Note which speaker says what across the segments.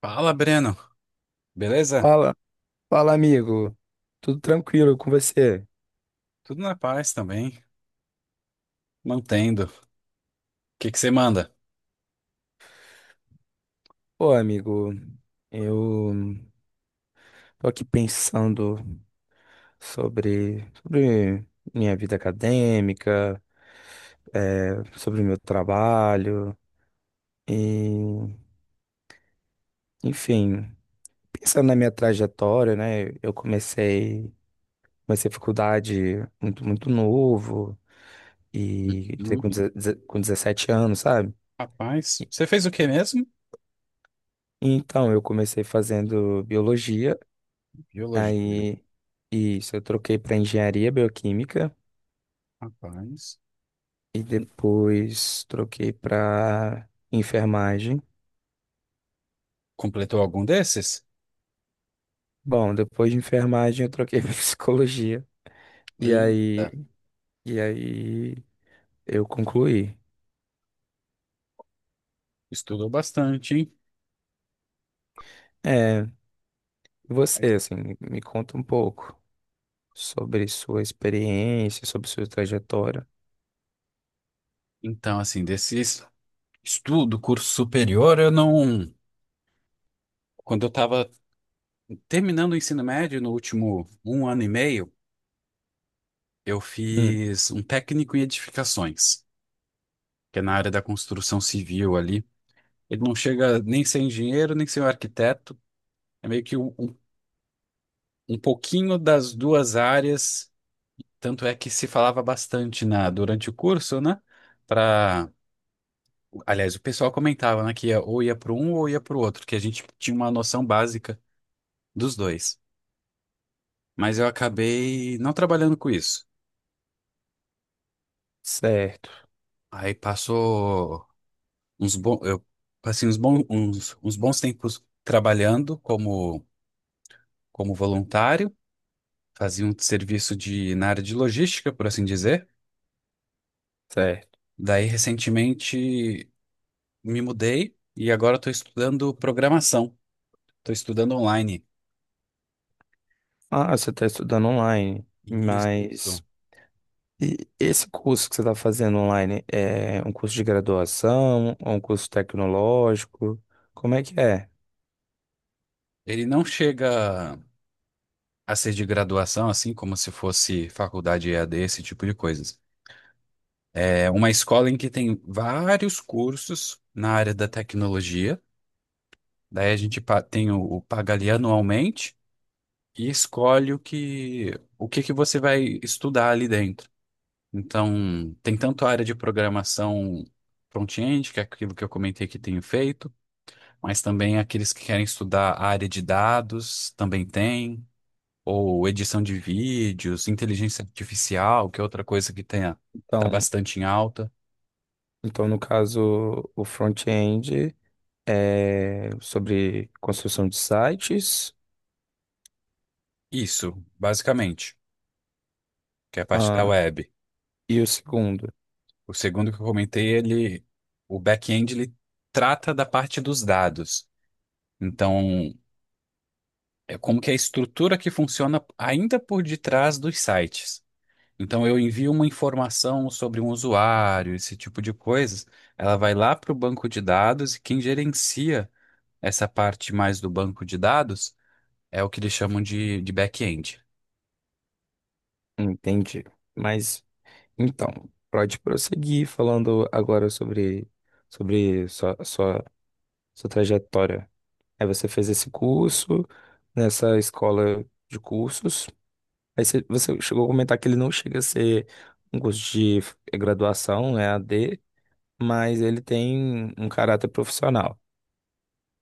Speaker 1: Fala, Breno. Beleza?
Speaker 2: Fala, amigo. Tudo tranquilo com você?
Speaker 1: Tudo na paz também. Mantendo. O que você manda?
Speaker 2: Pô, amigo, eu tô aqui pensando sobre minha vida acadêmica, é, sobre o meu trabalho, e, enfim, pensando na minha trajetória, né? Comecei a faculdade muito novo, e entrei
Speaker 1: Uhum.
Speaker 2: com com 17 anos, sabe?
Speaker 1: Rapaz, você fez o que mesmo?
Speaker 2: Então, eu comecei fazendo biologia.
Speaker 1: Biologia.
Speaker 2: Aí, isso, eu troquei para engenharia bioquímica
Speaker 1: Rapaz.
Speaker 2: e depois troquei para enfermagem.
Speaker 1: Completou algum desses?
Speaker 2: Bom, depois de enfermagem eu troquei para psicologia e aí
Speaker 1: Eita.
Speaker 2: e aí eu concluí.
Speaker 1: Estudou bastante, hein?
Speaker 2: É, você assim, me conta um pouco sobre sua experiência, sobre sua trajetória.
Speaker 1: Então, assim, desses estudo, curso superior, eu não. Quando eu estava terminando o ensino médio, no último um ano e meio, eu
Speaker 2: Hum,
Speaker 1: fiz um técnico em edificações, que é na área da construção civil ali. Ele não chega nem sem engenheiro, nem sem arquiteto. É meio que um pouquinho das duas áreas. Tanto é que se falava bastante na, durante o curso, né? Pra, aliás, o pessoal comentava, né, que ia, ou ia para um ou ia para o outro, que a gente tinha uma noção básica dos dois. Mas eu acabei não trabalhando com isso.
Speaker 2: certo,
Speaker 1: Aí passou uns bons, eu passei uns bons, uns bons tempos trabalhando como, como voluntário. Fazia um serviço de, na área de logística, por assim dizer.
Speaker 2: certo.
Speaker 1: Daí, recentemente, me mudei e agora estou estudando programação. Estou estudando online.
Speaker 2: Ah, você está estudando online,
Speaker 1: E isso,
Speaker 2: mas e esse curso que você está fazendo online é um curso de graduação ou um curso tecnológico? Como é que é?
Speaker 1: ele não chega a ser de graduação, assim como se fosse faculdade EAD, esse tipo de coisas. É uma escola em que tem vários cursos na área da tecnologia. Daí a gente tem o paga ali anualmente e escolhe o que que você vai estudar ali dentro. Então, tem tanto a área de programação front-end, que é aquilo que eu comentei que tenho feito, mas também aqueles que querem estudar a área de dados também tem, ou edição de vídeos, inteligência artificial, que é outra coisa que tem, tá
Speaker 2: Então,
Speaker 1: bastante em alta.
Speaker 2: então no caso, o front-end é sobre construção de sites,
Speaker 1: Isso, basicamente, que é a parte da
Speaker 2: ah,
Speaker 1: web.
Speaker 2: e o segundo,
Speaker 1: O segundo que eu comentei, ele, o back-end, ele trata da parte dos dados. Então, é como que é a estrutura que funciona ainda por detrás dos sites. Então, eu envio uma informação sobre um usuário, esse tipo de coisas. Ela vai lá para o banco de dados e quem gerencia essa parte mais do banco de dados é o que eles chamam de back-end.
Speaker 2: entendi. Mas então, pode prosseguir falando agora sobre sua trajetória. Aí você fez esse curso nessa escola de cursos. Aí você chegou a comentar que ele não chega a ser um curso de graduação, é a D, mas ele tem um caráter profissional.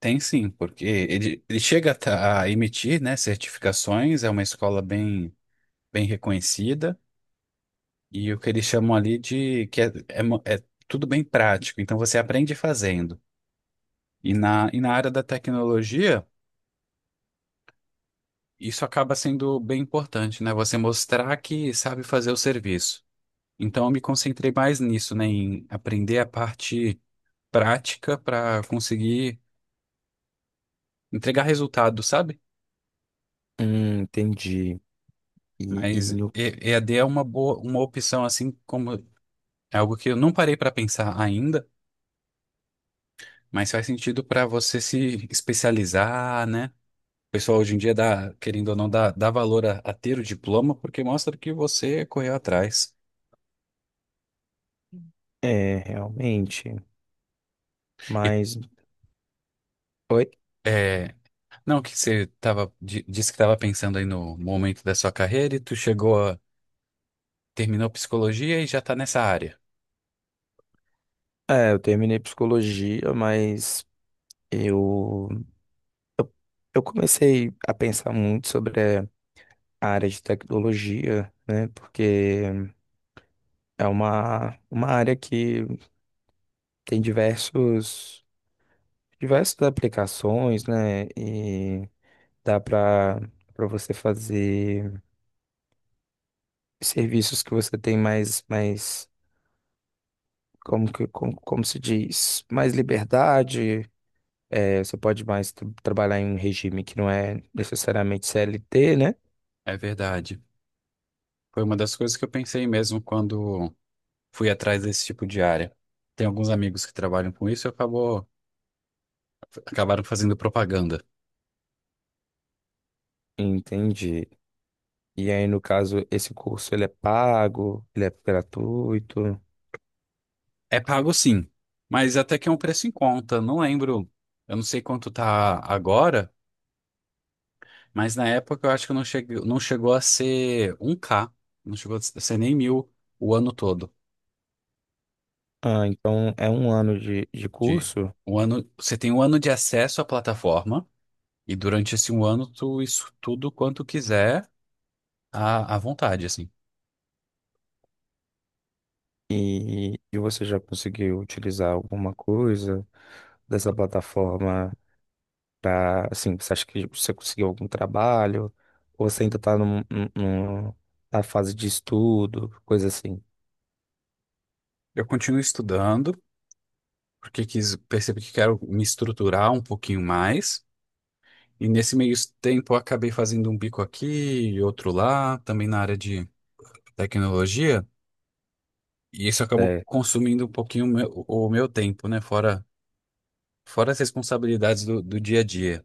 Speaker 1: Tem sim, porque ele chega a a emitir, né, certificações, é uma escola bem, bem reconhecida e o que eles chamam ali de que é, é é tudo bem prático, então você aprende fazendo. E na área da tecnologia. Isso acaba sendo bem importante, né? Você mostrar que sabe fazer o serviço. Então, eu me concentrei mais nisso, né? Em aprender a parte prática para conseguir entregar resultado, sabe?
Speaker 2: Entendi. E, e
Speaker 1: Mas
Speaker 2: no-
Speaker 1: EAD é uma boa, uma opção, assim como é algo que eu não parei para pensar ainda, mas faz sentido para você se especializar, né? O pessoal hoje em dia dá, querendo ou não, dá valor a ter o diploma porque mostra que você correu atrás.
Speaker 2: É, realmente.
Speaker 1: E,
Speaker 2: Mas, oi?
Speaker 1: é, Não, que você tava, disse que estava pensando aí no momento da sua carreira e tu chegou a, terminou psicologia e já tá nessa área.
Speaker 2: É, eu terminei psicologia, mas eu, eu, eu comecei a pensar muito sobre a área de tecnologia, né, porque é uma área que tem diversos diversas aplicações, né? Dá para você fazer serviços que você tem mais como como se diz, mais liberdade. É, você pode mais trabalhar em um regime que não é necessariamente CLT, né?
Speaker 1: É verdade. Foi uma das coisas que eu pensei mesmo quando fui atrás desse tipo de área. Tem alguns amigos que trabalham com isso e acabaram fazendo propaganda.
Speaker 2: Entendi. E aí, no caso, esse curso ele é pago, ele é gratuito.
Speaker 1: É pago sim, mas até que é um preço em conta. Não lembro, eu não sei quanto tá agora, mas na época eu acho que não chegou a ser um k, não chegou a ser nem mil o ano todo.
Speaker 2: Ah, então é um ano de
Speaker 1: De
Speaker 2: curso.
Speaker 1: um ano, você tem um ano de acesso à plataforma e durante esse um ano tu isso tudo quanto quiser à vontade, assim.
Speaker 2: E, e você já conseguiu utilizar alguma coisa dessa plataforma? Pra, assim, você acha que você conseguiu algum trabalho? Ou você ainda tá na fase de estudo, coisa assim?
Speaker 1: Eu continuo estudando porque quis, percebi que quero me estruturar um pouquinho mais. E nesse meio tempo eu acabei fazendo um bico aqui e outro lá, também na área de tecnologia. E isso acabou
Speaker 2: É,
Speaker 1: consumindo um pouquinho o meu tempo, né? Fora as responsabilidades do dia a dia.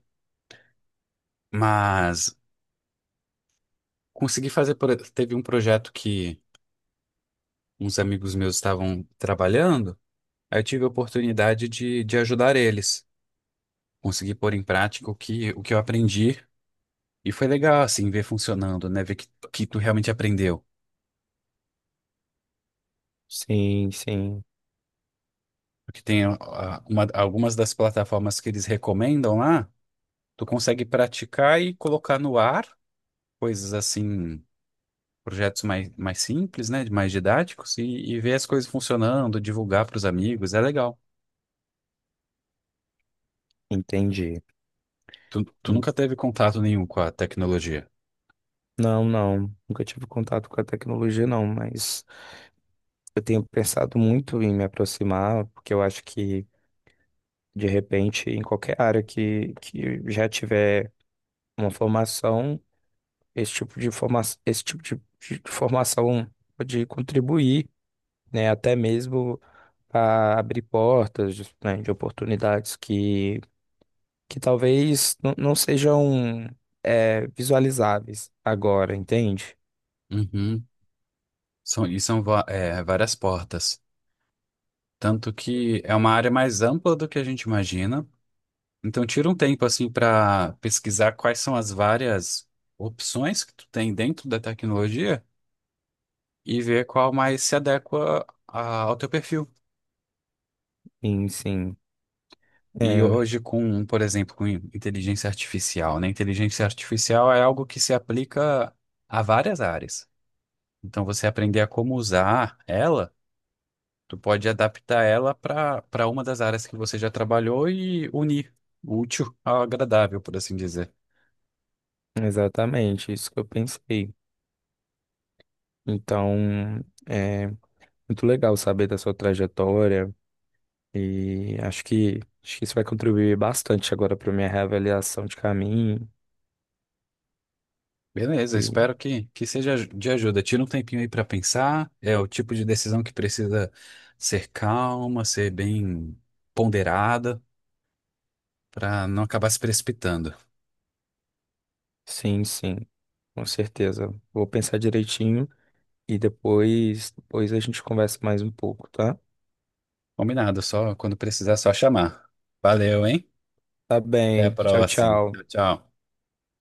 Speaker 1: Mas consegui fazer, teve um projeto que uns amigos meus estavam trabalhando, aí eu tive a oportunidade de ajudar eles. Consegui pôr em prática o que eu aprendi e foi legal, assim, ver funcionando, né? Ver que tu realmente aprendeu.
Speaker 2: sim,
Speaker 1: Porque tem algumas das plataformas que eles recomendam lá, tu consegue praticar e colocar no ar, coisas assim projetos mais, mais simples, né? Mais didáticos e ver as coisas funcionando, divulgar para os amigos, é legal.
Speaker 2: entendi.
Speaker 1: Tu, tu nunca teve contato nenhum com a tecnologia.
Speaker 2: Não, não, nunca tive contato com a tecnologia, não, mas eu tenho pensado muito em me aproximar, porque eu acho que, de repente, em qualquer área que já tiver uma formação, esse tipo de forma, esse tipo de formação pode contribuir, né? Até mesmo a abrir portas, né, de oportunidades que talvez não sejam, é, visualizáveis agora, entende?
Speaker 1: Uhum. São, e são várias portas. Tanto que é uma área mais ampla do que a gente imagina. Então, tira um tempo assim para pesquisar quais são as várias opções que tu tem dentro da tecnologia e ver qual mais se adequa ao teu perfil.
Speaker 2: Sim, sim.
Speaker 1: E
Speaker 2: É,
Speaker 1: hoje com, por exemplo, com inteligência artificial, né? Inteligência artificial é algo que se aplica a várias áreas. Então, você aprender a como usar ela, tu pode adaptar ela para uma das áreas que você já trabalhou e unir o útil ao agradável, por assim dizer.
Speaker 2: exatamente, isso que eu pensei. Então, é muito legal saber da sua trajetória e acho acho que isso vai contribuir bastante agora para minha reavaliação de caminho.
Speaker 1: Beleza,
Speaker 2: E
Speaker 1: espero que seja de ajuda. Tira um tempinho aí para pensar. É o tipo de decisão que precisa ser calma, ser bem ponderada, para não acabar se precipitando.
Speaker 2: sim, sim, com certeza. Vou pensar direitinho. E depois a gente conversa mais um pouco, tá?
Speaker 1: Combinado, só quando precisar, é só chamar. Valeu, hein?
Speaker 2: Tá
Speaker 1: Até a
Speaker 2: bem. Tchau,
Speaker 1: próxima.
Speaker 2: tchau.
Speaker 1: Tchau, tchau.